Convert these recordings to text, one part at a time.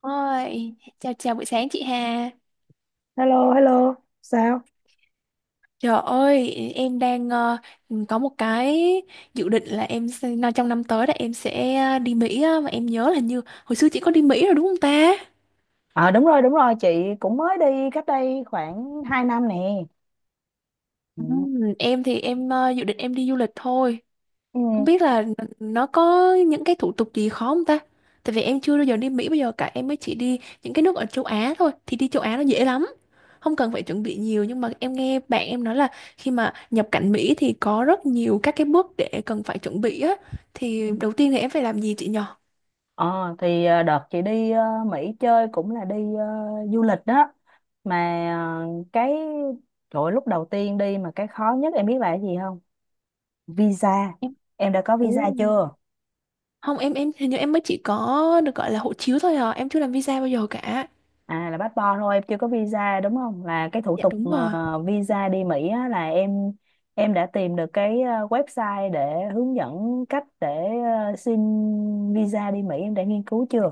Ôi, chào chào buổi sáng chị Hà. Hello, hello, sao? Trời ơi, em đang có một cái dự định là nó trong năm tới là em sẽ đi Mỹ á, mà em nhớ là như hồi xưa chị có đi Mỹ rồi đúng không ta? Ờ đúng rồi, đúng rồi, chị cũng mới đi cách đây khoảng 2 năm nè Ừ, ừ. em thì em dự định em đi du lịch thôi. Ừ, Không biết là nó có những cái thủ tục gì khó không ta? Tại vì em chưa bao giờ đi Mỹ, bây giờ cả em mới chỉ đi những cái nước ở châu Á thôi, thì đi châu Á nó dễ lắm. Không cần phải chuẩn bị nhiều, nhưng mà em nghe bạn em nói là khi mà nhập cảnh Mỹ thì có rất nhiều các cái bước để cần phải chuẩn bị á. Thì đầu tiên thì em phải làm gì chị nhờ? Đợt chị đi Mỹ chơi cũng là đi du lịch đó. Mà ờ, cái trời ơi, lúc đầu tiên đi mà cái khó nhất em biết là cái gì không? Visa. Em. Em đã có visa Ồ, chưa? không, em hình như em mới chỉ có được gọi là hộ chiếu thôi à, em chưa làm visa bao giờ cả. À, là passport thôi, em chưa có visa đúng không? Là cái thủ Dạ tục đúng mà rồi. visa đi Mỹ á, là em đã tìm được cái website để hướng dẫn cách để xin visa đi Mỹ, em đã nghiên cứu chưa?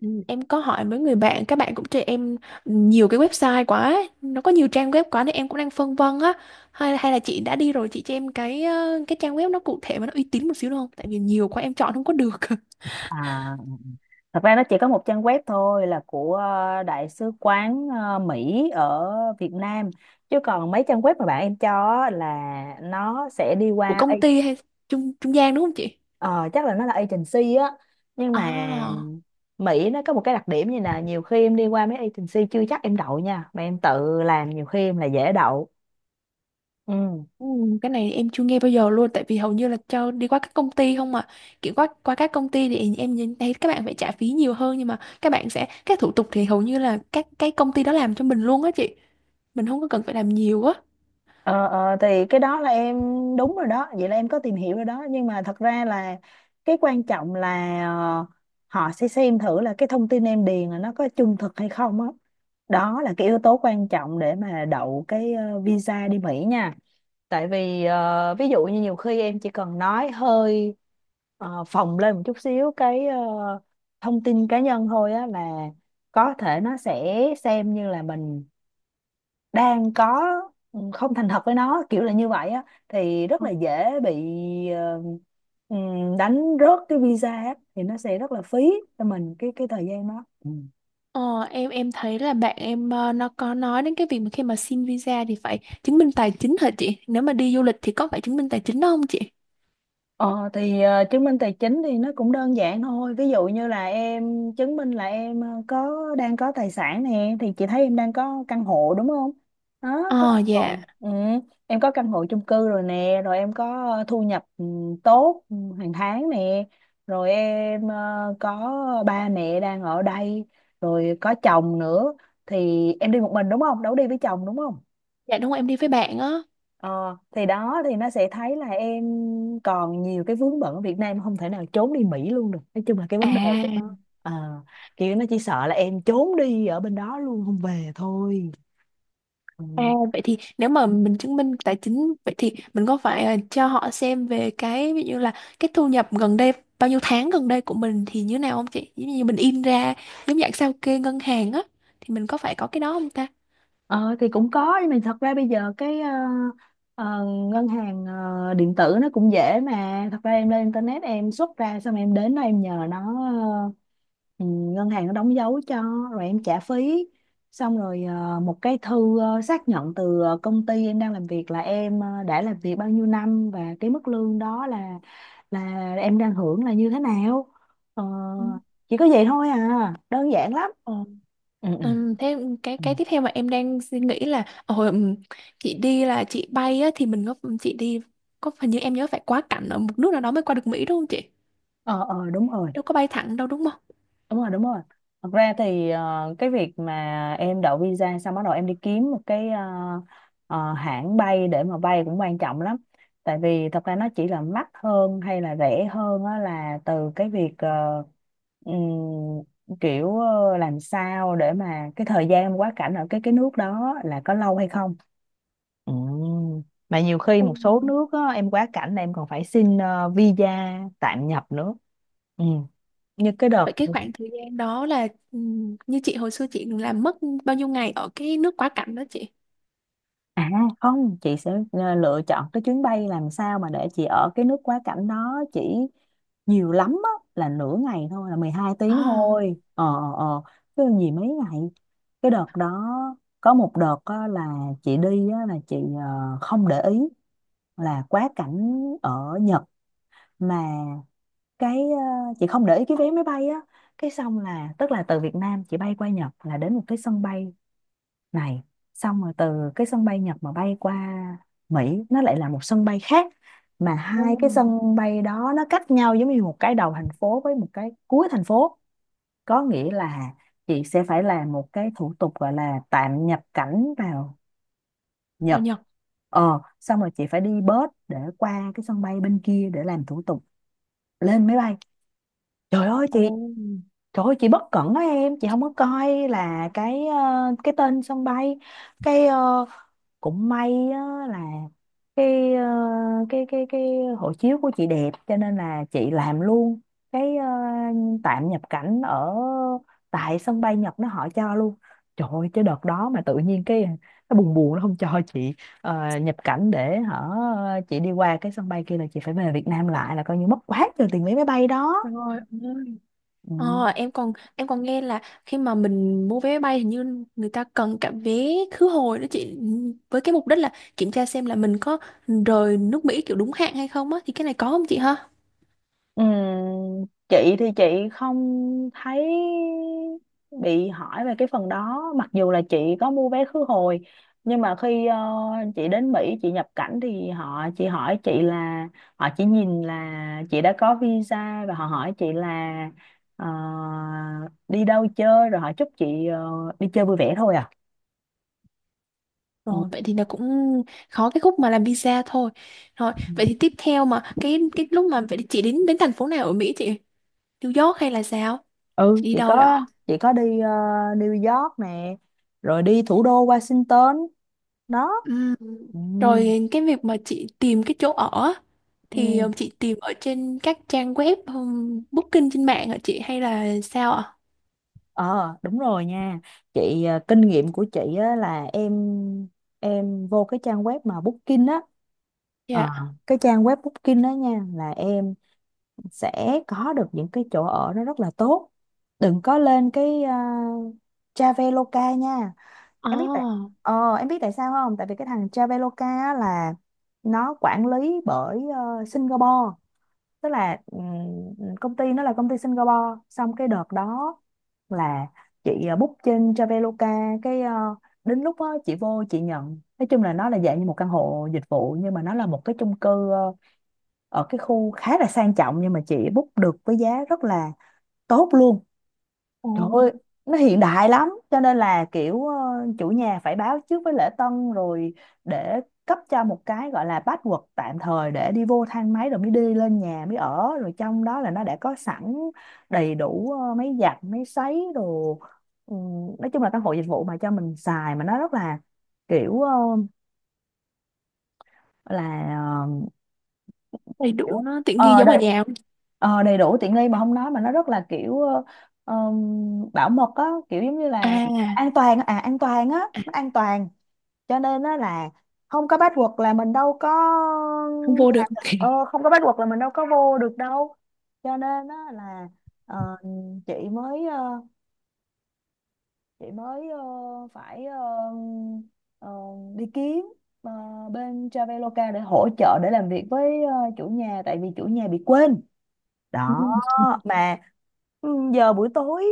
Ừ, em có hỏi mấy người bạn, các bạn cũng cho em nhiều cái website quá, ấy. Nó có nhiều trang web quá nên em cũng đang phân vân á. Hay hay là chị đã đi rồi chị cho em cái cái trang web nó cụ thể mà nó uy tín một xíu được không? Tại vì nhiều quá em chọn không có được. À, thật ra nó chỉ có một trang web thôi, là của Đại sứ quán Mỹ ở Việt Nam, chứ còn mấy trang web mà bạn em cho á là nó sẽ đi Của qua. công ty hay trung trung gian đúng không chị? Ờ, chắc là nó là agency á, nhưng mà À, Mỹ nó có một cái đặc điểm, như là nhiều khi em đi qua mấy agency chưa chắc em đậu nha, mà em tự làm nhiều khi em là dễ đậu. Ừ. ừ, cái này em chưa nghe bao giờ luôn, tại vì hầu như là cho đi qua các công ty không mà, kiểu qua qua các công ty thì em nhìn thấy các bạn phải trả phí nhiều hơn, nhưng mà các bạn sẽ các thủ tục thì hầu như là các cái công ty đó làm cho mình luôn á chị, mình không có cần phải làm nhiều á. Ờ, thì cái đó là em đúng rồi đó, vậy là em có tìm hiểu rồi đó. Nhưng mà thật ra là cái quan trọng là họ sẽ xem thử là cái thông tin em điền là nó có trung thực hay không á, đó là cái yếu tố quan trọng để mà đậu cái visa đi Mỹ nha. Tại vì ví dụ như nhiều khi em chỉ cần nói hơi phồng lên một chút xíu cái thông tin cá nhân thôi á, là có thể nó sẽ xem như là mình đang có không thành thật với nó, kiểu là như vậy á, thì rất là dễ bị ờ, ừ, đánh rớt cái visa á, thì nó sẽ rất là phí cho mình cái thời gian đó. Ừ. Ờ, em thấy là bạn em nó có nói đến cái việc mà khi mà xin visa thì phải chứng minh tài chính hả chị? Nếu mà đi du lịch thì có phải chứng minh tài chính đó không chị? Ờ thì chứng minh tài chính thì nó cũng đơn giản thôi. Ví dụ như là em chứng minh là em có đang có tài sản nè, thì chị thấy em đang có căn hộ đúng không? Đó, có Ờ căn dạ, hộ. Ừ, em có căn hộ chung cư rồi nè, rồi em có thu nhập tốt hàng tháng nè, rồi em có ba mẹ đang ở đây, rồi có chồng nữa, thì em đi một mình đúng không? Đâu có đi với chồng đúng không? dạ đúng rồi, em đi với bạn á. Ờ, thì đó, thì nó sẽ thấy là em còn nhiều cái vướng bận ở Việt Nam, không thể nào trốn đi Mỹ luôn được. Nói chung là cái vấn đề của À, nó ờ, kiểu nó chỉ sợ là em trốn đi ở bên đó luôn không về thôi. Ừ. à vậy thì nếu mà mình chứng minh tài chính vậy thì mình có phải cho họ xem về cái ví dụ là cái thu nhập gần đây, bao nhiêu tháng gần đây của mình thì như nào không chị? Giống như mình in ra giống dạng sao kê ngân hàng á, thì mình có phải có cái đó không ta? Ờ thì cũng có, nhưng mà thật ra bây giờ cái ờ, ngân hàng điện tử nó cũng dễ mà, thật ra em lên internet em xuất ra xong em đến đó em nhờ nó ờ, ngân hàng nó đóng dấu cho, rồi em trả phí, xong rồi một cái thư xác nhận từ công ty em đang làm việc, là em đã làm việc bao nhiêu năm và cái mức lương đó là là em đang hưởng là như thế nào. Ờ, chỉ có vậy thôi à, đơn giản lắm. Ừ. ừ ừ thế cái ừ. cái tiếp theo mà em đang suy nghĩ là hồi chị đi là chị bay á, thì mình có, chị đi có, hình như em nhớ phải quá cảnh ở một nước nào đó mới qua được Mỹ đúng không chị? Ờ Đúng rồi, Đâu có bay thẳng đâu đúng không? đúng rồi. Thật ra thì cái việc mà em đậu visa xong bắt đầu em đi kiếm một cái hãng bay để mà bay cũng quan trọng lắm. Tại vì thật ra nó chỉ là mắc hơn hay là rẻ hơn á, là từ cái việc làm sao để mà cái thời gian quá cảnh ở cái nước đó là có lâu hay không. Ừ. Mà nhiều khi Ừ. một số nước á, em quá cảnh là em còn phải xin visa tạm nhập nữa. Ừ. Như cái Vậy đợt cái khoảng thời gian đó là, như chị hồi xưa chị làm mất bao nhiêu ngày ở cái nước quá cảnh đó chị? à, không, chị sẽ lựa chọn cái chuyến bay làm sao mà để chị ở cái nước quá cảnh đó chỉ nhiều lắm á, là nửa ngày thôi, là 12 tiếng À, thôi. Ờ. Chứ gì mấy ngày. Cái đợt đó, có một đợt á, là chị đi á, là chị không để ý là quá cảnh ở Nhật, mà cái chị không để ý cái vé máy bay á. Cái xong là, tức là từ Việt Nam chị bay qua Nhật là đến một cái sân bay này, xong rồi từ cái sân bay Nhật mà bay qua Mỹ nó lại là một sân bay khác, mà ừ, hai cái sân bay đó nó cách nhau giống như một cái đầu thành phố với một cái cuối thành phố. Có nghĩa là chị sẽ phải làm một cái thủ tục gọi là tạm nhập cảnh vào Nhật. vào Nhật. Xong rồi chị phải đi bus để qua cái sân bay bên kia để làm thủ tục lên máy bay. trời ơi Ồ, chị Trời ơi, chị bất cẩn đó em, chị không có coi là cái cái tên sân bay. cái ờ, Cũng may á là cái ờ, cái hộ chiếu của chị đẹp, cho nên là chị làm luôn cái tạm nhập cảnh ở tại sân bay Nhật, nó họ cho luôn. Trời ơi, chứ đợt đó mà tự nhiên cái nó buồn buồn nó không cho chị nhập cảnh để hả chị đi qua cái sân bay kia, là chị phải về Việt Nam lại, là coi như mất quá trời tiền vé máy bay đó. rồi. Ừ. Ờ, em còn nghe là khi mà mình mua vé máy bay hình như người ta cần cả vé khứ hồi đó chị, với cái mục đích là kiểm tra xem là mình có rời nước Mỹ kiểu đúng hạn hay không á, thì cái này có không chị ha? Ừm, chị thì chị không thấy bị hỏi về cái phần đó, mặc dù là chị có mua vé khứ hồi. Nhưng mà khi chị đến Mỹ chị nhập cảnh thì họ chị hỏi chị là họ chỉ nhìn là chị đã có visa, và họ hỏi chị là ờ, đi đâu chơi, rồi họ chúc chị đi chơi vui vẻ thôi à. ừ Rồi vậy thì là cũng khó cái khúc mà làm visa thôi. Rồi Ừ. vậy thì tiếp theo mà cái lúc mà vậy thì chị đến đến thành phố nào ở Mỹ chị? New York hay là sao? Ừ, Chị đi chị đâu vậy? có chị có đi New York nè, rồi đi thủ đô Washington đó. Ừm, Ừ. Rồi cái việc mà chị tìm cái chỗ ở á, thì Ừ. Chị tìm ở trên các trang web, booking trên mạng hả chị hay là sao ạ? Ờ đúng rồi nha, chị à, kinh nghiệm của chị á, là em vô cái trang web mà Booking á. Ờ, Dạ. cái trang web Booking đó nha, là em sẽ có được những cái chỗ ở nó rất là tốt. Đừng có lên cái Traveloka nha. Ồ, Em biết tại em biết tại sao không? Tại vì cái thằng Traveloka á là nó quản lý bởi Singapore, tức là công ty nó là công ty Singapore. Xong cái đợt đó là chị book trên Traveloka, cái đến lúc đó, chị vô chị nhận, nói chung là nó là dạng như một căn hộ dịch vụ, nhưng mà nó là một cái chung cư ở cái khu khá là sang trọng, nhưng mà chị book được với giá rất là tốt luôn. Trời ồ, ơi, nó hiện đại lắm, cho nên là kiểu chủ nhà phải báo trước với lễ tân rồi để cấp cho một cái gọi là password tạm thời để đi vô thang máy rồi mới đi lên nhà mới ở. Rồi trong đó là nó đã có sẵn đầy đủ máy giặt máy sấy đồ. Ừ, nói chung là căn hộ dịch vụ mà cho mình xài, mà nó rất là kiểu ờ, là ờ, đầy kiểu đủ nó tiện nghi ờ giống ở đầy nhà không? ờ, đầy đủ tiện nghi. Mà không nói, mà nó rất là bảo mật á, kiểu giống như là À, an toàn á, à an toàn á, nó an toàn. Cho nên á là không có password là mình đâu có không vô được. Không có password là mình đâu có vô được đâu. Cho nên á là ờ, chị mới ờ, chị mới ờ, phải ờ, ờ, đi kiếm ờ, bên Traveloka để hỗ trợ để làm việc với chủ nhà, tại vì chủ nhà bị quên Ừ, đó. Mà giờ buổi tối,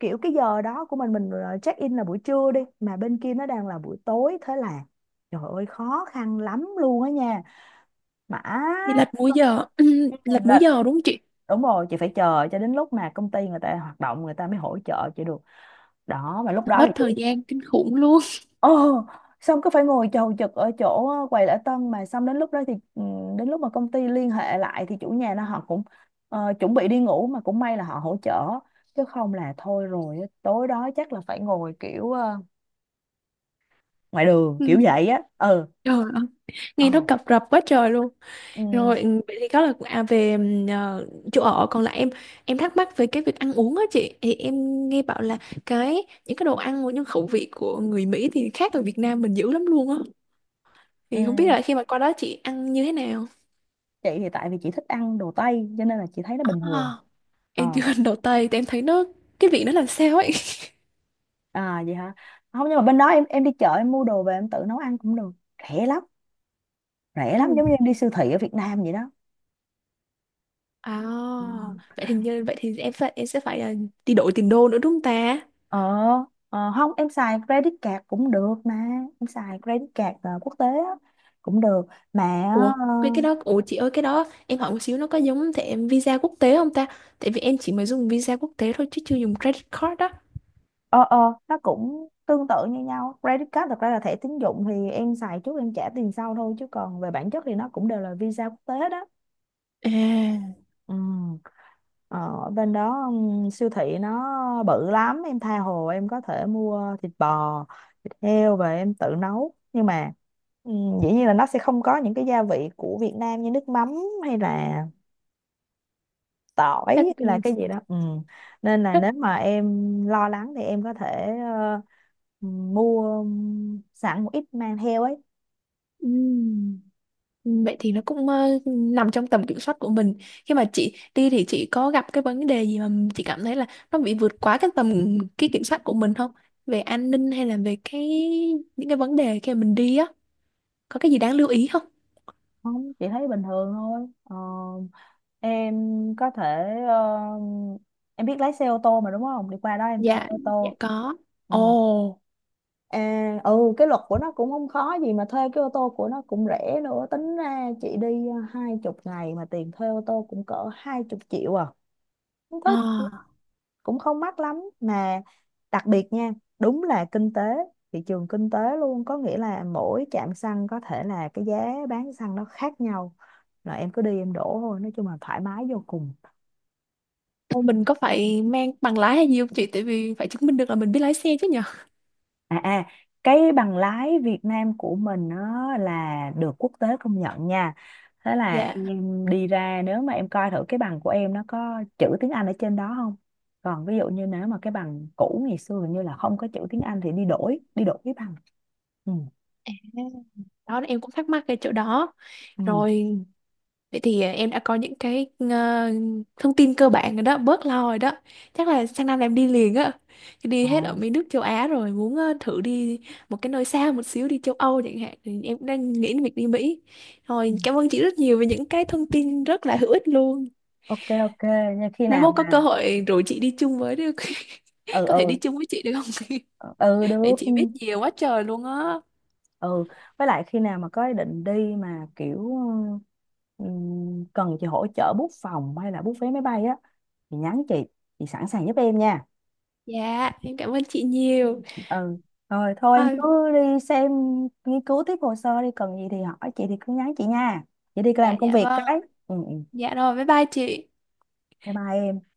kiểu cái giờ đó của mình mình check in là buổi trưa đi, mà bên kia nó đang là buổi tối, thế là trời ơi khó khăn lắm luôn á nha. Mà đi lật múi giờ, ừ, lật múi là giờ đúng không chị? đúng rồi, chị phải chờ cho đến lúc mà công ty người ta hoạt động người ta mới hỗ trợ chị được đó. Mà lúc đó Mất thì thời gian kinh khủng luôn. ờ, xong cứ phải ngồi chầu chực ở chỗ quầy lễ tân. Mà xong đến lúc đó thì đến lúc mà công ty liên hệ lại thì chủ nhà nó họ cũng chuẩn bị đi ngủ, mà cũng may là họ hỗ trợ, chứ không là thôi rồi á, tối đó chắc là phải ngồi kiểu ngoài đường Ừ, kiểu vậy á. Ừ trời ơi, nghe nó ờ cập rập quá trời luôn. ừ, Rồi ừ, vậy thì đó là à, về chỗ ở. Còn lại em thắc mắc về cái việc ăn uống á chị, thì em nghe bảo là cái những cái đồ ăn của những khẩu vị của người Mỹ thì khác ở Việt Nam mình dữ lắm luôn á, ừ. thì không biết là khi mà qua đó chị ăn như thế nào. Chị thì tại vì chị thích ăn đồ Tây cho nên là chị thấy nó bình thường. À, em chưa ờ ăn đồ Tây thì em thấy nó cái vị nó làm sao ấy. À vậy hả? Không, nhưng mà bên đó em đi chợ em mua đồ về em tự nấu ăn cũng được, rẻ lắm, rẻ lắm, Ừ. giống như em đi siêu thị ở Việt Nam vậy đó. À vậy thì như vậy thì em phải em sẽ phải đi đổi tiền đô nữa đúng không ta? ờ ờ, không em xài credit card cũng được mà, em xài credit card quốc tế á, cũng được mà. Ủa, cái đó, ủa chị ơi cái đó em hỏi một xíu, nó có giống thẻ visa quốc tế không ta? Tại vì em chỉ mới dùng visa quốc tế thôi chứ chưa dùng credit card đó. ờ ờ nó cũng tương tự như nhau, credit card thật ra là thẻ tín dụng thì em xài trước em trả tiền sau thôi, chứ còn về bản chất thì nó cũng đều là visa quốc tế đó. À, Ừ. Ờ, ở bên đó siêu thị nó bự lắm, em tha hồ, em có thể mua thịt bò thịt heo về em tự nấu. Nhưng mà dĩ nhiên là nó sẽ không có những cái gia vị của Việt Nam như nước mắm, hay là tỏi, chắc, hay là cái gì đó. Ừ. Nên là chắc, nếu mà em lo lắng thì em có thể mua sẵn một ít mang theo ấy. ừm, vậy thì nó cũng nằm trong tầm kiểm soát của mình. Khi mà chị đi thì chị có gặp cái vấn đề gì mà chị cảm thấy là nó bị vượt quá cái tầm kiểm soát của mình không? Về an ninh hay là về cái những cái vấn đề khi mà mình đi á, có cái gì đáng lưu ý không? Không, chị thấy bình thường thôi. Ờ, em có thể em biết lái xe ô tô mà đúng không, đi qua đó em thuê Dạ, ô dạ tô. có. Ừ. Ồ, À, ừ, cái luật của nó cũng không khó gì mà, thuê cái ô tô của nó cũng rẻ nữa. Tính ra chị đi 20 ngày mà tiền thuê ô tô cũng cỡ 20 triệu à, không thích à. cũng không mắc lắm mà. Đặc biệt nha, đúng là kinh tế thị trường kinh tế luôn, có nghĩa là mỗi trạm xăng có thể là cái giá bán xăng nó khác nhau, rồi em cứ đi em đổ thôi, nói chung là thoải mái vô cùng. Ô, mình có phải mang bằng lái hay gì không chị? Tại vì phải chứng minh được là mình biết lái xe chứ nhở? À, cái bằng lái Việt Nam của mình nó là được quốc tế công nhận nha. Thế là Dạ. em đi ra nếu mà em coi thử cái bằng của em nó có chữ tiếng Anh ở trên đó không? Còn ví dụ như nếu mà cái bằng cũ ngày xưa hình như là không có chữ tiếng Anh thì đi đổi cái bằng. Ừ. Đó em cũng thắc mắc cái chỗ đó. Ừ. Rồi vậy thì à, em đã có những cái thông tin cơ bản rồi đó, bớt lo rồi đó. Chắc là sang năm là em đi liền á. Chứ đi Ồ. hết ở mấy nước châu Á rồi, muốn thử đi một cái nơi xa một xíu, đi châu Âu chẳng hạn. Thì em cũng đang nghĩ đến việc đi Mỹ. Ừ. Rồi cảm ơn chị rất nhiều về những cái thông tin rất là hữu ích luôn. Ok, ok nha, khi Mai nào mốt có cơ mà hội rủ chị đi chung với được. ừ Có thể ừ đi chung với chị được không? ừ Vậy được. chị biết nhiều quá trời luôn á. ừ với lại khi nào mà có ý định đi mà kiểu cần chị hỗ trợ book phòng hay là book vé máy bay á, thì nhắn chị sẵn sàng giúp em nha. Dạ, em cảm ơn chị nhiều. Ừ, rồi thôi em Thôi, cứ đi xem, nghiên cứu tiếp hồ sơ đi, cần gì thì hỏi chị thì cứ nhắn chị nha, chị đi dạ, làm công dạ việc vâng cái ạ. ừ, ừ. Dạ rồi, bye bye chị. Bye bye em.